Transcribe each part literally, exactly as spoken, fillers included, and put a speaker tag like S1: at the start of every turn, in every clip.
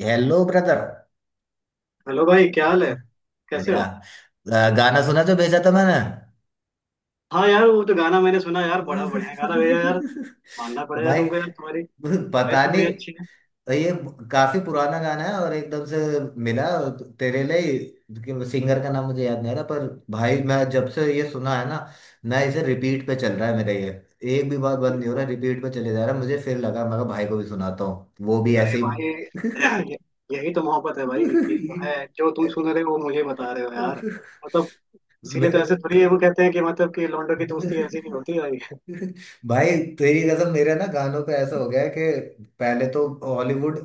S1: Hello brother.
S2: Hello भाई, क्या हाल है? कैसे
S1: बढ़िया।
S2: हो?
S1: अ, गाना सुना जो भेजा था मैंने।
S2: हाँ यार, वो तो गाना मैंने सुना यार, बड़ा बढ़िया गाना भैया यार। मानना पड़ेगा
S1: भाई,
S2: तुमको यार, तुम्हारी चॉइस
S1: पता
S2: तो
S1: नहीं।
S2: बड़ी अच्छी है।
S1: ये काफी पुराना गाना है और एकदम से मिला। तेरे लिए सिंगर का नाम मुझे याद नहीं आ रहा, पर भाई मैं जब से ये सुना है ना, मैं इसे रिपीट पे चल रहा है मेरा, ये एक भी बार बंद नहीं हो रहा, रिपीट पे चले जा रहा है। मुझे फिर लगा, मैं कहा भाई को भी सुनाता हूँ, वो भी
S2: अरे
S1: ऐसे ही।
S2: भाई, ये- यही तो मोहब्बत है भाई कि जो है, जो तुम सुन रहे हो वो मुझे बता रहे हो यार। मतलब इसीलिए तो
S1: मेरे
S2: ऐसे थोड़ी है, वो कहते हैं कि मतलब कि लौंडों की दोस्ती ऐसी नहीं होती भाई।
S1: भाई तेरी कसम, मेरे ना गानों पे ऐसा हो गया है कि पहले तो हॉलीवुड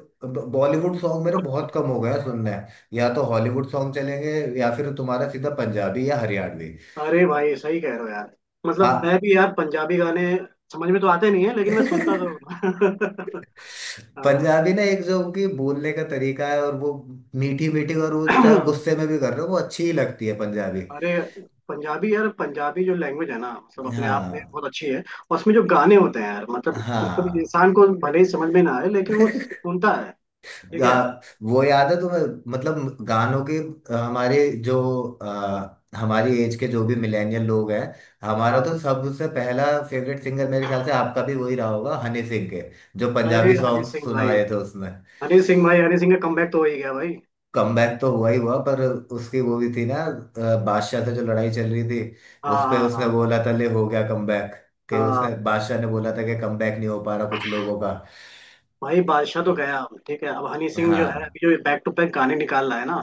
S1: बॉलीवुड सॉन्ग मेरे बहुत कम हो गए हैं सुनने। हैं या तो हॉलीवुड सॉन्ग चलेंगे, या फिर तुम्हारा सीधा पंजाबी या हरियाणवी।
S2: अरे भाई, सही कह रहे हो यार। मतलब मैं
S1: आ-
S2: भी यार पंजाबी गाने समझ में तो आते नहीं है, लेकिन मैं सुनता जरूर हूँ। हाँ।
S1: पंजाबी ना, एक जो उनकी बोलने का तरीका है, और वो मीठी मीठी, और वो चाहे गुस्से में भी कर रहे हो वो अच्छी ही लगती है पंजाबी।
S2: अरे पंजाबी यार, पंजाबी जो लैंग्वेज है ना, मतलब अपने आप में
S1: हाँ,
S2: बहुत अच्छी है, और उसमें जो गाने होते हैं यार, मतलब मतलब
S1: हाँ।
S2: इंसान को भले ही समझ में ना आए, लेकिन वो सुनता है। ठीक
S1: गा,
S2: है।
S1: वो याद है तुम्हें? मतलब गानों के, अ, हमारे जो अ, हमारी एज के जो भी मिलेनियल लोग हैं, हमारा
S2: हाँ।
S1: तो सबसे पहला फेवरेट सिंगर, मेरे ख्याल से आपका भी वही रहा होगा, हनी सिंह के जो
S2: अरे
S1: पंजाबी
S2: हनी
S1: सॉन्ग
S2: सिंह भाई,
S1: सुनाए थे उसमें।
S2: हनी सिंह भाई, हनी सिंह का कमबैक तो हो ही गया भाई।
S1: कमबैक तो हुआ ही हुआ, पर उसकी वो भी थी ना, अ, बादशाह से जो लड़ाई चल रही थी। उस पे
S2: हाँ,
S1: उसने
S2: हाँ,
S1: बोला था, ले हो गया कमबैक।
S2: हाँ,
S1: के
S2: हाँ।
S1: उसने बादशाह ने बोला था कि कमबैक नहीं हो पा रहा कुछ लोगों का।
S2: भाई बादशाह तो गया, ठीक है। अब हनी सिंह जो है
S1: हाँ,
S2: अभी जो बैक टू बैक गाने निकाल रहा है ना,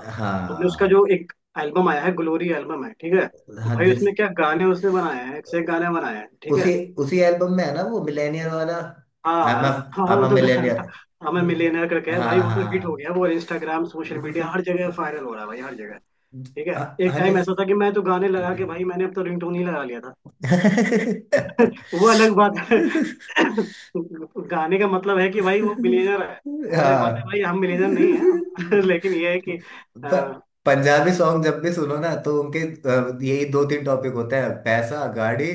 S2: तुमने उसका
S1: हाँ।
S2: जो एक एल्बम आया है, ग्लोरी एल्बम है, ठीक है।
S1: हाँ,
S2: भाई
S1: जिस
S2: उसमें क्या गाने उसने बनाए हैं, एक से एक गाने बनाए हैं। ठीक
S1: उसी
S2: है।
S1: उसी एल्बम में है ना वो मिलेनियर वाला?
S2: हाँ,
S1: आई एम
S2: हाँ,
S1: आई
S2: हाँ, वो
S1: एम
S2: तो
S1: मिलेनियर।
S2: गाना हमें मिलियनेयर करके है भाई,
S1: हाँ,
S2: वो तो हिट हो
S1: हाँ।
S2: गया। वो इंस्टाग्राम, सोशल मीडिया, हर जगह वायरल हो रहा है भाई, हर जगह। ठीक है।
S1: अ-
S2: एक टाइम
S1: हनी-
S2: ऐसा था कि मैं तो गाने लगा के भाई, मैंने अब तो रिंगटोन ही लगा लिया था। वो अलग बात है। गाने का मतलब है कि भाई वो मिलियनेयर है, वो अलग बात है
S1: हाँ।
S2: भाई, हम मिलियनेयर नहीं है। लेकिन ये है कि,
S1: पर पंजाबी सॉन्ग जब भी सुनो ना, तो उनके अ, यही दो तीन टॉपिक होते हैं: पैसा, गाड़ी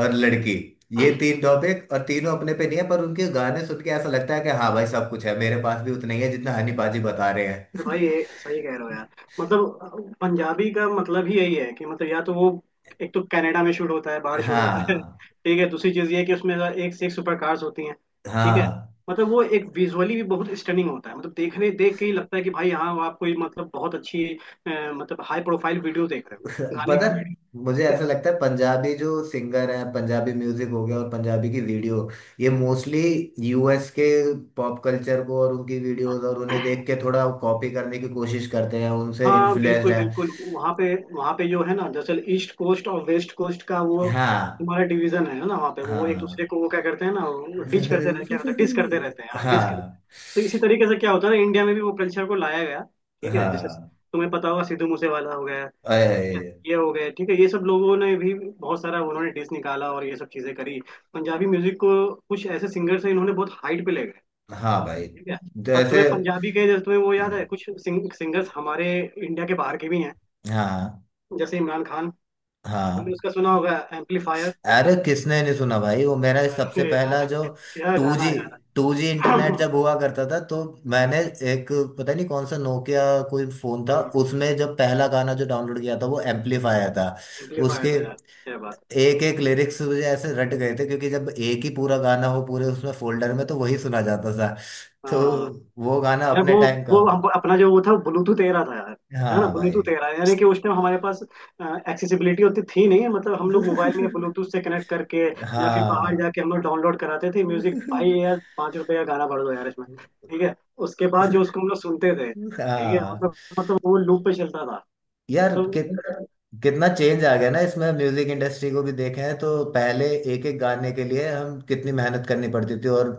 S1: और लड़की। ये तीन टॉपिक, और तीनों अपने पे नहीं है, पर उनके गाने सुन के ऐसा लगता है कि हाँ भाई, सब कुछ है मेरे पास, भी उतना ही है जितना हनी पाजी बता रहे
S2: तो
S1: हैं।
S2: भाई ये सही कह रहे हो यार। मतलब पंजाबी का मतलब ही यही है कि मतलब या तो वो, एक तो कनाडा में शूट होता है, बाहर शूट होता है।
S1: हाँ,
S2: ठीक है, दूसरी चीज ये है कि उसमें एक से एक सुपर कार्स होती हैं। ठीक है।
S1: हाँ।
S2: मतलब वो एक विजुअली भी बहुत स्टनिंग होता है, मतलब देखने, देख के ही लगता है कि भाई हाँ, आप कोई मतलब बहुत अच्छी, अ, मतलब हाई प्रोफाइल वीडियो देख रहे हो,
S1: तो
S2: गाने
S1: पता
S2: का
S1: है,
S2: वीडियो।
S1: मुझे ऐसा
S2: ठीक
S1: लगता है, पंजाबी जो सिंगर है, पंजाबी म्यूजिक हो गया और पंजाबी की वीडियो, ये मोस्टली यूएस के पॉप कल्चर को और उनकी वीडियोस और उन्हें
S2: है।
S1: देख के थोड़ा कॉपी करने की कोशिश करते हैं, उनसे
S2: हाँ
S1: इन्फ्लुएंस्ड
S2: बिल्कुल,
S1: हैं।
S2: बिल्कुल, वहाँ पे वहाँ पे जो है ना, दरअसल ईस्ट कोस्ट और वेस्ट कोस्ट का वो
S1: हाँ,
S2: तुम्हारा डिवीजन है ना, वहाँ पे वो एक
S1: हाँ।
S2: दूसरे को वो क्या करते हैं ना, डिच करते रहते हैं, क्या होता है, डिस करते रहते हैं, हाँ डिस करते
S1: हाँ,
S2: हैं। तो इसी तरीके से क्या होता है ना, इंडिया में भी वो कल्चर को लाया गया। ठीक है। जैसे
S1: हाँ।
S2: तुम्हें पता होगा, सिद्धू मूसेवाला हो गया, ठीक है,
S1: अरे
S2: ये हो गए, ठीक है, ये सब लोगों ने भी बहुत सारा उन्होंने डिस निकाला और ये सब चीजें करी। पंजाबी म्यूजिक को कुछ ऐसे सिंगर से इन्होंने बहुत हाइट पे ले गए।
S1: हाँ भाई,
S2: ठीक है। और
S1: जैसे।
S2: तुम्हें पंजाबी के जैसे तुम्हें वो याद है कुछ सिंग, सिंगर्स हमारे इंडिया के बाहर के भी हैं,
S1: हाँ,
S2: जैसे इमरान खान। तुमने
S1: हाँ।
S2: उसका सुना होगा, एम्पलीफायर।
S1: अरे किसने नहीं सुना भाई, वो मेरा सबसे
S2: अरे
S1: पहला
S2: यार,
S1: जो
S2: क्या
S1: टू
S2: गाना
S1: जी
S2: है यार।
S1: टू जी इंटरनेट जब हुआ करता था, तो मैंने एक, पता नहीं कौन सा नोकिया, कोई फोन था, उसमें जब पहला गाना जो डाउनलोड किया था वो एम्पलीफायर था।
S2: एम्पलीफायर
S1: उसके
S2: था यार, क्या बात
S1: एक एक लिरिक्स मुझे ऐसे रट गए थे, क्योंकि जब एक ही पूरा गाना हो पूरे उसमें फोल्डर में, तो वही सुना जाता था।
S2: है।
S1: तो
S2: हाँ
S1: वो गाना
S2: यार,
S1: अपने
S2: वो
S1: टाइम का।
S2: वो हम अपना जो वो था, ब्लूटूथ तेरह था यार। है ना,
S1: हाँ
S2: ब्लूटूथ
S1: भाई।
S2: तेरह, यानी कि उस टाइम हमारे पास एक्सेसिबिलिटी होती थी नहीं, मतलब हम लोग मोबाइल में ब्लूटूथ से कनेक्ट करके या फिर बाहर
S1: हाँ।
S2: जाके हम लोग डाउनलोड कराते थे म्यूजिक भाई यार, पाँच रुपए का गाना भर दो यार इसमें। ठीक है। उसके बाद जो, उसको हम लोग सुनते थे, ठीक है,
S1: हाँ
S2: मतलब मतलब वो लूप पे चलता था।
S1: यार,
S2: मतलब
S1: कि, कितना चेंज आ गया ना इसमें। म्यूजिक इंडस्ट्री को भी देखें तो पहले एक एक गाने के लिए हम कितनी मेहनत करनी पड़ती थी, और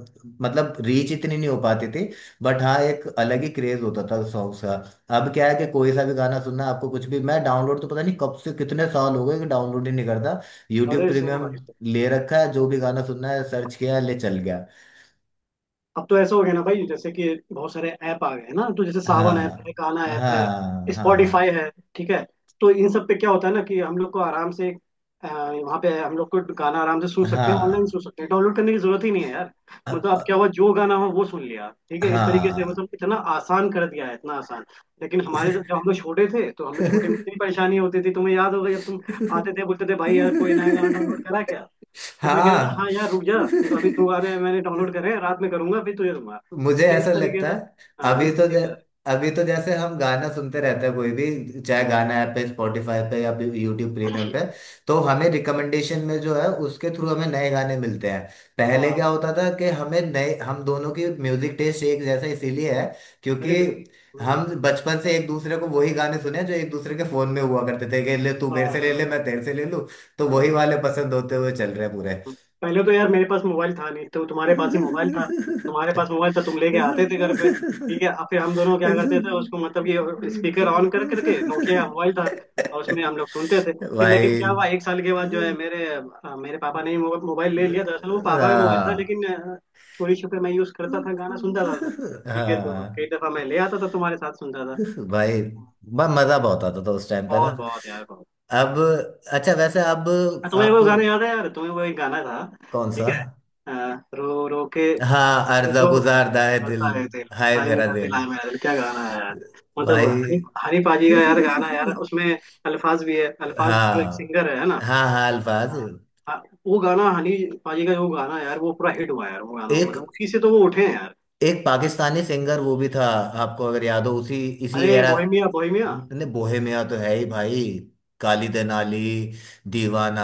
S1: मतलब रीच इतनी नहीं हो पाती थी, बट हाँ एक अलग ही क्रेज होता था सॉन्ग्स का। अब क्या है कि कोई सा भी गाना सुनना है आपको, कुछ भी, मैं डाउनलोड तो पता नहीं कब से, कितने साल हो गए कि डाउनलोड ही नहीं करता। यूट्यूब
S2: अरे सेम
S1: प्रीमियम
S2: भाई,
S1: ले रखा है, जो भी गाना सुनना है सर्च किया, ले चल गया।
S2: अब तो ऐसा हो गया ना भाई, जैसे कि बहुत सारे ऐप आ गए हैं ना, तो जैसे सावन ऐप है,
S1: हाँ,
S2: गाना ऐप है,
S1: हाँ। हाँ,
S2: स्पॉटिफाई है। ठीक है। तो इन सब पे क्या होता है ना, कि हम लोग को आराम से, अ, वहाँ पे हम लोग को गाना आराम से सुन सकते हैं, ऑनलाइन
S1: हाँ।
S2: सुन सकते हैं, डाउनलोड करने की जरूरत ही नहीं है यार। मतलब अब
S1: हाँ,
S2: क्या हुआ, जो गाना हो वो सुन लिया, ठीक है, इस तरीके से,
S1: हाँ।
S2: मतलब इतना आसान कर दिया है, इतना आसान। लेकिन हमारे जब जब हम लोग छोटे थे, तो हम लोग छोटे में
S1: हाँ।
S2: इतनी परेशानी होती थी, तुम्हें याद होगा जब तुम आते थे, बोलते थे भाई यार, कोई नया गाना डाउनलोड करा क्या, तो मैं कह रहा था
S1: हाँ।
S2: हाँ यार रुक जा, तो अभी दोबारा मैंने डाउनलोड करे हैं, रात में करूंगा फिर तुझे दूंगा।
S1: मुझे
S2: ठीक है, इस
S1: ऐसा
S2: तरीके
S1: लगता
S2: से।
S1: है,
S2: हाँ,
S1: अभी
S2: इस
S1: तो जै,
S2: तरीके से।
S1: अभी तो जैसे हम गाना सुनते रहते हैं, कोई भी, चाहे गाना ऐप पे, स्पॉटिफाई पे या यूट्यूब प्रीमियम पे, तो हमें रिकमेंडेशन में जो है उसके थ्रू हमें नए गाने मिलते हैं। पहले
S2: हाँ।
S1: क्या होता था कि हमें नए, हम दोनों की म्यूजिक टेस्ट एक जैसा इसीलिए है क्योंकि
S2: अरे बिल्कुल। हम्म।
S1: हम बचपन से एक दूसरे को वही गाने सुने हैं जो एक दूसरे के फोन में हुआ करते थे कि ले तू
S2: हाँ,
S1: मेरे से ले
S2: हाँ,
S1: ले, मैं तेरे से ले लूं। तो वही
S2: हाँ।
S1: वाले पसंद होते हुए चल रहे हैं पूरे।
S2: पहले तो यार मेरे पास मोबाइल था नहीं, तो तुम्हारे पास ही मोबाइल था। तुम्हारे पास मोबाइल था, तुम लेके आते थे घर पे,
S1: भाई।
S2: ठीक है। अब फिर हम दोनों क्या करते थे उसको, मतलब कि स्पीकर ऑन कर करके, नोकिया का मोबाइल था, और उसमें हम लोग सुनते थे। फिर लेकिन क्या हुआ, एक साल के बाद जो है मेरे अ, मेरे पापा ने ही मोब- मोबाइल ले लिया। दरअसल वो पापा का मोबाइल था,
S1: हाँ,
S2: लेकिन अ, चोरी छुपे मैं यूज करता था, गाना सुनता था उसमें। ठीक है, तो
S1: हाँ
S2: कई दफा मैं ले आता था तुम्हारे साथ सुनता था।
S1: भाई। ब- मजा बहुत आता था उस टाइम पे ना।
S2: बहुत, बहुत यार, बहुत।
S1: अब, अच्छा वैसे अब
S2: तुम्हें
S1: आप
S2: वो गाना याद है यार, तुम्हें वो एक गाना था,
S1: कौन सा?
S2: ठीक है, अ, रो रो के,
S1: हाँ,
S2: अरे
S1: अर्जा
S2: जो
S1: गुजारदा है दिल,
S2: करता है तेल,
S1: हाय
S2: हाय
S1: मेरा
S2: मेरा
S1: दिल।
S2: दिल, हाय मेरा दिल, क्या गाना है यार। मतलब हनी, हनी पाजी का यार गाना है यार,
S1: भाई।
S2: उसमें अल्फाज भी है, अल्फाज जो एक
S1: हाँ,
S2: सिंगर है ना।
S1: हाँ। हाँ, अल्फाज।
S2: हाँ, वो गाना हनी पाजी का जो गाना है यार, वो पूरा हिट हुआ है यार, वो गाना
S1: एक
S2: मतलब उसी से तो वो उठे हैं यार।
S1: एक पाकिस्तानी सिंगर वो भी था, आपको अगर याद हो, उसी इसी
S2: अरे
S1: एरा
S2: बोहेमिया, बोहेमिया,
S1: ने। बोहेमिया तो है ही भाई, काली देनाली, दीवाना,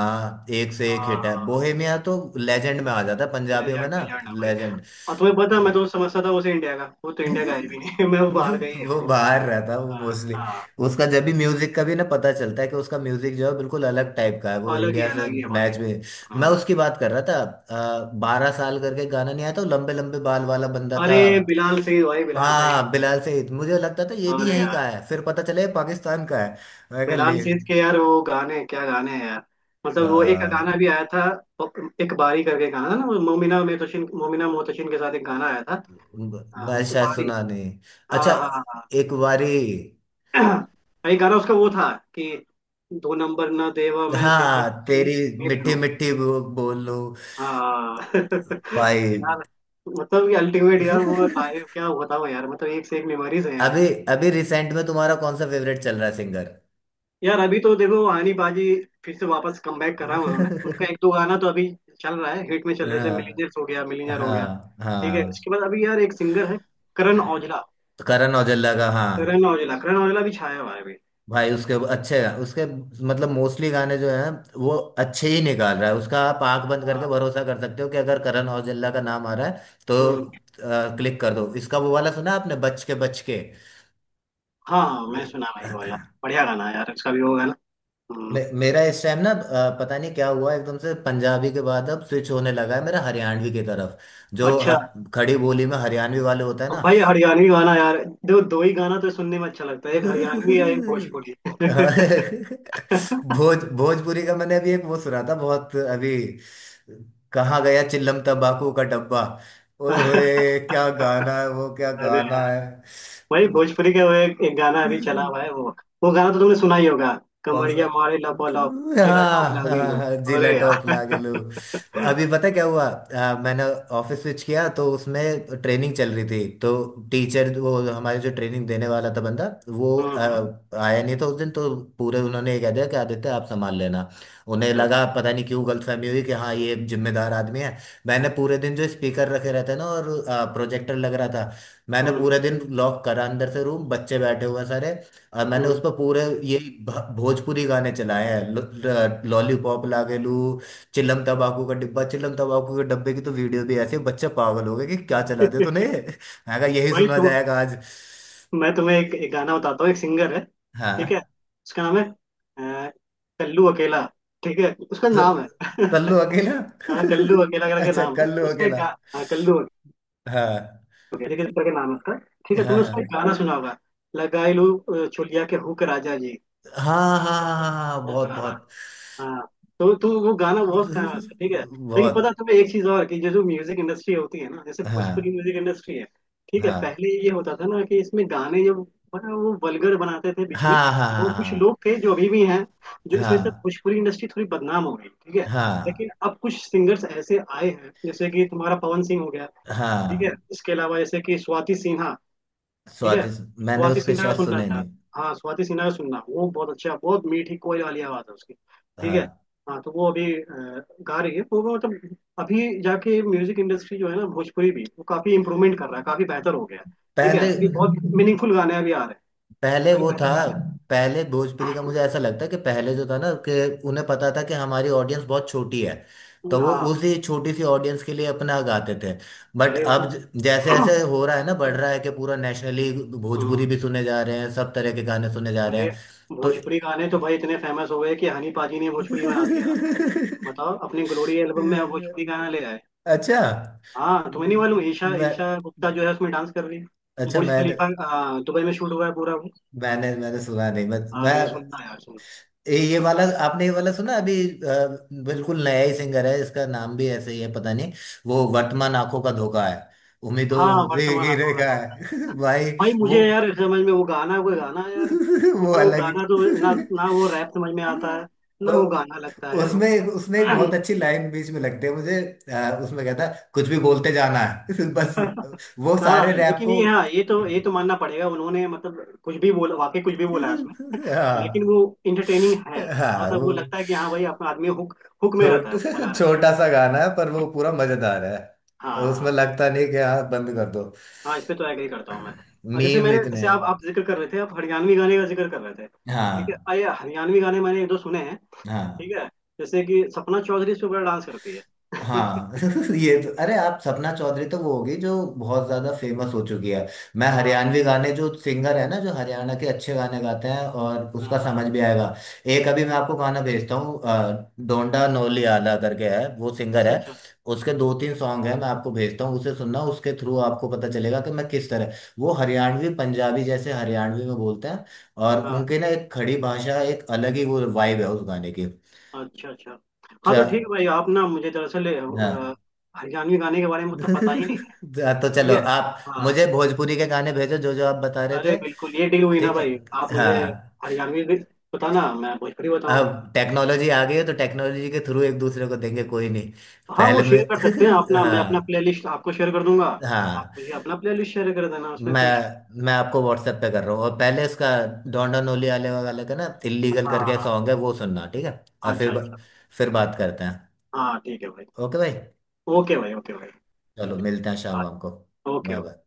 S1: एक से एक हिट है।
S2: हाँ।
S1: बोहेमिया तो लेजेंड में आ जाता है पंजाबियों में
S2: लेजेंड,
S1: ना।
S2: लेजेंड है भाई।
S1: लेजेंड।
S2: और तुम्हें पता है, मैं तो समझता था उसे इंडिया का, वो तो इंडिया का है भी नहीं। मैं वो
S1: वो
S2: बाहर गई है
S1: वो
S2: वो।
S1: बाहर रहता है वो मोस्टली।
S2: हाँ,
S1: उसका जब भी म्यूजिक का भी ना पता चलता है, कि उसका म्यूजिक जो है बिल्कुल अलग टाइप का है वो
S2: अलग ही,
S1: इंडिया से
S2: अलग ही है भाई।
S1: मैच में। मैं
S2: हाँ।
S1: उसकी बात कर रहा था, बारह साल करके गाना नहीं आया था, वो लंबे लंबे बाल वाला बंदा
S2: अरे
S1: था।
S2: बिलाल सही भाई, बिलाल सही।
S1: हाँ, बिलाल सईद, मुझे लगता था ये भी
S2: अरे
S1: यहीं का है, फिर पता चला ये पाकिस्तान का है। मैं कहा
S2: बिलाल
S1: ले।
S2: सेठ के यार वो गाने, क्या गाने हैं यार।
S1: आ,
S2: मतलब वो एक गाना भी आया था, एक बारी करके गाना था ना वो, मोमिना मोहतशिन, मोमिना मोहतशिन के साथ एक गाना आया था। हाँ,
S1: मैं शायद
S2: बारी।
S1: सुना नहीं। अच्छा,
S2: हाँ, हाँ,
S1: एक बारी।
S2: हाँ। एक गाना उसका वो था कि, दो नंबर ना देवा मैं तेरी
S1: हाँ,
S2: अच्छी
S1: तेरी
S2: मिल
S1: मिट्टी
S2: लूं।
S1: मिट्टी बो- बोल लो।
S2: हाँ।
S1: भाई।
S2: यार मतलब ये अल्टीमेट यार, वो लाइव क्या बताओ यार, मतलब एक से एक मेमोरीज है।
S1: अभी, अभी रिसेंट में तुम्हारा कौन सा फेवरेट चल रहा है सिंगर?
S2: यार अभी तो देखो आनी बाजी फिर से वापस कमबैक करा है उन्होंने, उनका एक दो गाना तो अभी चल रहा है, हिट में चल रहा है, जैसे
S1: हाँ,
S2: मिलीनियर्स हो गया, मिलीनियर हो गया।
S1: हाँ।
S2: ठीक है,
S1: हाँ,
S2: इसके बाद अभी यार एक सिंगर है, करण औजला।
S1: तो करण औजला का, हाँ
S2: करण औजला, करण औजला भी छाया हुआ है अभी।
S1: भाई। उसके अच्छे उसके मतलब मोस्टली गाने जो हैं, वो अच्छे ही निकाल रहा है। उसका आप आंख बंद करके
S2: हाँ।
S1: भरोसा कर सकते हो कि अगर करण औजला का नाम आ रहा है, तो
S2: हम्म।
S1: क्लिक कर दो। इसका वो वाला सुना आपने, बच के बच के?
S2: हाँ, हाँ, मैं सुना भाई वो वाला, बढ़िया गाना है यार इसका भी वो गाना।
S1: मे,
S2: हम्म।
S1: मेरा इस टाइम ना, अ, पता नहीं क्या हुआ, एकदम से पंजाबी के बाद अब स्विच होने लगा है मेरा हरियाणवी की तरफ, जो ह,
S2: अच्छा।
S1: खड़ी बोली में हरियाणवी वाले होता है
S2: अब
S1: ना।
S2: भाई हरियाणवी गाना यार, देखो दो ही गाना तो सुनने में अच्छा लगता है, एक हरियाणवी या एक भोजपुरी।
S1: भोज भोजपुरी का मैंने अभी एक वो सुना था बहुत अभी, कहाँ गया चिल्लम तंबाकू का डब्बा। ओए होए, क्या गाना है वो, क्या
S2: अरे
S1: गाना
S2: यार,
S1: है।
S2: भाई भोजपुरी का वो एक, एक गाना अभी चला हुआ है वो। वो गाना तो तुमने सुना ही होगा,
S1: कौन
S2: कमरिया
S1: सा?
S2: मारे लपो लप, जिला
S1: हाँ,
S2: टॉप लागे लो,
S1: हाँ, जिला
S2: अरे
S1: टॉप
S2: यार।
S1: लागलू। अभी पता क्या हुआ, आ, मैंने ऑफिस स्विच किया, तो उसमें ट्रेनिंग चल रही थी, तो टीचर वो हमारे जो ट्रेनिंग देने वाला था बंदा वो,
S2: हम्म।
S1: आ,
S2: हम्म।
S1: आया नहीं था उस दिन, तो पूरे उन्होंने ये कह दिया कि आदित्य आप संभाल लेना। उन्हें
S2: अच्छा।
S1: लगा पता नहीं क्यों, गलतफहमी हुई कि हाँ ये जिम्मेदार आदमी है। मैंने पूरे दिन, जो स्पीकर रखे रहते हैं ना, और प्रोजेक्टर लग रहा था, मैंने पूरे
S2: हम्म।
S1: दिन लॉक करा अंदर से रूम, बच्चे बैठे हुए हैं सारे, और मैंने उस
S2: हम्म।
S1: पर पूरे ये भ- भोजपुरी गाने चलाए हैं। लॉलीपॉप लागे लू, चिलम तंबाकू का डिब्बा, चिलम तंबाकू के डब्बे की तो वीडियो भी, ऐसे बच्चे पागल हो गए कि क्या चला दिया तूने, मैं कहा यही
S2: भाई।
S1: सुना
S2: तुम,
S1: जाएगा आज।
S2: मैं तुम्हें एक, एक गाना बताता हूँ, एक सिंगर है, ठीक है,
S1: हाँ,
S2: उसका नाम है, अ, कल्लू अकेला, ठीक है, उसका
S1: तो
S2: नाम है।
S1: कल्लू अकेला।
S2: हाँ, कल्लू अकेला करके
S1: अच्छा,
S2: नाम है
S1: कल्लू
S2: उसका, एक
S1: अकेला।
S2: गा, हाँ, कल्लू
S1: हाँ,
S2: अकेला, ठीक है, इस तरह के नाम है उसका। ठीक है,
S1: हाँ,
S2: तुमने उसका एक
S1: हाँ,
S2: गाना सुना होगा, लगाई लू अ, चोलिया के हुक राजा जी।
S1: हाँ, हाँ, हाँ, हाँ, हाँ, हाँ, बहुत बहुत।
S2: हाँ, तो तो वो गाना बहुत फेमस है, ठीक है। लेकिन पता है
S1: बहुत।
S2: तुम्हें एक चीज और, कि जो जो म्यूजिक इंडस्ट्री होती है ना, जैसे
S1: हाँ,
S2: भोजपुरी म्यूजिक इंडस्ट्री है, ठीक है,
S1: हाँ,
S2: पहले ये होता था ना कि इसमें गाने जब, बड़ा वो वल्गर बनाते थे, बीच में
S1: हाँ, हाँ,
S2: वो कुछ लोग
S1: हाँ,
S2: थे जो अभी भी हैं, जो इस वजह से
S1: हाँ,
S2: भोजपुरी इंडस्ट्री थोड़ी बदनाम हो गई। ठीक है, लेकिन
S1: हाँ,
S2: अब कुछ सिंगर्स ऐसे आए हैं जैसे कि तुम्हारा पवन सिंह हो गया,
S1: हाँ,
S2: ठीक है,
S1: हाँ,
S2: इसके अलावा जैसे कि स्वाति सिन्हा, ठीक है।
S1: स्वादिष्ट। मैंने
S2: स्वाति
S1: उसके
S2: सिन्हा का
S1: शायद
S2: सुनना है
S1: सुने
S2: यार,
S1: नहीं।
S2: हाँ, स्वाति सिन्हा का सुनना, वो बहुत अच्छा, बहुत मीठी कोयल वाली आवाज है उसकी। ठीक है,
S1: हाँ।
S2: हाँ तो वो अभी अ, गा रही है वो, वो मतलब अभी जाके म्यूजिक इंडस्ट्री जो है ना, भोजपुरी भी वो काफी इम्प्रूवमेंट कर रहा है, काफी बेहतर हो गया है। ठीक है,
S1: पहले,
S2: अभी बहुत मीनिंगफुल गाने अभी आ रहे हैं,
S1: पहले
S2: अभी
S1: वो था,
S2: बेहतर गाने आ रहे
S1: पहले भोजपुरी का मुझे ऐसा लगता है कि पहले जो था ना, कि उन्हें पता था कि हमारी ऑडियंस बहुत छोटी है,
S2: हैं।
S1: तो वो
S2: हाँ।
S1: उसी छोटी सी ऑडियंस के लिए अपना गाते थे। बट
S2: अरे
S1: अब
S2: भाई,
S1: ज- जैसे ऐसे हो रहा है ना, बढ़ रहा है, कि पूरा नेशनली
S2: हाँ,
S1: भोजपुरी भी सुने जा रहे हैं, सब तरह के गाने सुने जा रहे
S2: अरे
S1: हैं, तो।
S2: भोजपुरी गाने तो भाई इतने फेमस हो गए कि हनी पाजी ने भोजपुरी बना दिया। बताओ अपने ग्लोरी एल्बम में भोजपुरी गाना ले आए।
S1: अच्छा
S2: हाँ, तुम्हें नहीं मालूम, ईशा,
S1: मैं
S2: ईशा गुप्ता जो है उसमें डांस कर रही है,
S1: अच्छा
S2: बुर्ज
S1: मैं
S2: खलीफा आ, दुबई में शूट हुआ है पूरा वो।
S1: मैंने मैंने सुना नहीं, मैं, मैं
S2: अरे सुनना यार, सुनना।
S1: ये ये वाला आपने ये वाला सुना अभी? अ, बिल्कुल नया ही सिंगर है, इसका नाम भी ऐसे ही है, पता नहीं। वो वर्तमान आंखों का धोखा है,
S2: हाँ,
S1: उम्मीदों से
S2: वर्तमान
S1: गिरे
S2: आंखों का
S1: का
S2: धोखा,
S1: है। भाई
S2: भाई
S1: वो।
S2: मुझे यार समझ में, वो गाना, वो गाना यार
S1: वो
S2: मतलब, वो
S1: अलग ही।
S2: गाना तो ना ना, वो रैप समझ में आता है,
S1: वो
S2: ना वो गाना लगता है यार।
S1: उसमें उसमें एक बहुत अच्छी लाइन बीच में लगती है मुझे, अ, उसमें कहता है, कुछ भी बोलते जाना है। बस, वो
S2: हाँ,
S1: सारे रैप
S2: लेकिन
S1: को।
S2: ये हाँ, ये तो, ये तो मानना पड़ेगा उन्होंने, मतलब कुछ भी बोला, वाकई कुछ भी बोला है उसमें, लेकिन
S1: हाँ,
S2: वो इंटरटेनिंग है, थोड़ा
S1: हाँ।
S2: सा वो
S1: वो
S2: लगता है कि हाँ भाई अपना आदमी हुक, हुक में रहता
S1: छोट
S2: है, बना रहता
S1: छोटा
S2: है।
S1: सा गाना है, पर वो पूरा मजेदार है।
S2: हाँ,
S1: उसमें
S2: हाँ।
S1: लगता नहीं कि हाँ बंद कर दो।
S2: हाँ, इस पे तो एग्री करता हूँ मैं। और जैसे
S1: मीम
S2: मैंने,
S1: इतने
S2: जैसे आप
S1: हैं।
S2: आप जिक्र कर रहे थे, आप हरियाणवी गाने का जिक्र कर रहे थे, ठीक है,
S1: हाँ,
S2: अरे हरियाणवी गाने मैंने एक दो सुने हैं,
S1: हाँ,
S2: ठीक है, जैसे कि सपना चौधरी, इस पे बड़ा डांस करती है।
S1: हाँ। ये तो, अरे आप सपना चौधरी, तो वो होगी जो बहुत ज्यादा फेमस हो चुकी है। मैं
S2: हाँ,
S1: हरियाणवी गाने जो सिंगर है ना, जो हरियाणा के अच्छे गाने गाते हैं, और
S2: हाँ,
S1: उसका समझ
S2: हाँ।
S1: भी आएगा। एक अभी मैं आपको गाना भेजता हूँ, अ, डोंडा नोली आला करके है वो सिंगर।
S2: अच्छा,
S1: है,
S2: अच्छा।
S1: उसके दो तीन सॉन्ग है, मैं आपको भेजता हूँ, उसे सुनना, उसके थ्रू आपको पता चलेगा कि मैं किस तरह, वो हरियाणवी पंजाबी जैसे हरियाणवी में बोलते हैं, और
S2: हाँ,
S1: उनके ना एक खड़ी भाषा, एक अलग ही वो वाइब है उस गाने की।
S2: अच्छा, अच्छा। हाँ
S1: च-
S2: तो ठीक है भाई, आप ना मुझे दरअसल, अ,
S1: हाँ।
S2: हरियाणवी गाने के बारे में उतना पता ही नहीं है।
S1: तो
S2: ठीक
S1: चलो,
S2: है।
S1: आप
S2: हाँ,
S1: मुझे भोजपुरी के गाने भेजो जो जो आप बता रहे
S2: अरे
S1: थे।
S2: बिल्कुल, ये डील हुई ना
S1: ठीक है।
S2: भाई, आप मुझे
S1: हाँ,
S2: हरियाणवी भी बताना, मैं भोजपुरी
S1: अब
S2: बताऊंगा।
S1: टेक्नोलॉजी आ गई है, तो टेक्नोलॉजी के थ्रू एक दूसरे को देंगे, कोई नहीं।
S2: हाँ, वो
S1: पहले मैं।
S2: शेयर कर सकते हैं अपना, मैं अपना
S1: हाँ,
S2: प्लेलिस्ट आपको शेयर कर दूंगा, आप
S1: हाँ।
S2: मुझे अपना प्लेलिस्ट शेयर कर देना, उसमें कोई।
S1: मैं मैं आपको व्हाट्सएप पे कर रहा हूँ, और पहले इसका, डोंडा नोली आले वाले का ना, इल्लीगल करके
S2: हाँ।
S1: सॉन्ग है, वो सुनना ठीक है, और फिर
S2: अच्छा,
S1: ब-
S2: अच्छा।
S1: फिर बात करते हैं।
S2: हाँ, ठीक है भाई।
S1: ओके भाई।
S2: ओके भाई। ओके भाई।
S1: चलो मिलते हैं शाम वाम को। Bye
S2: okay.
S1: बाय।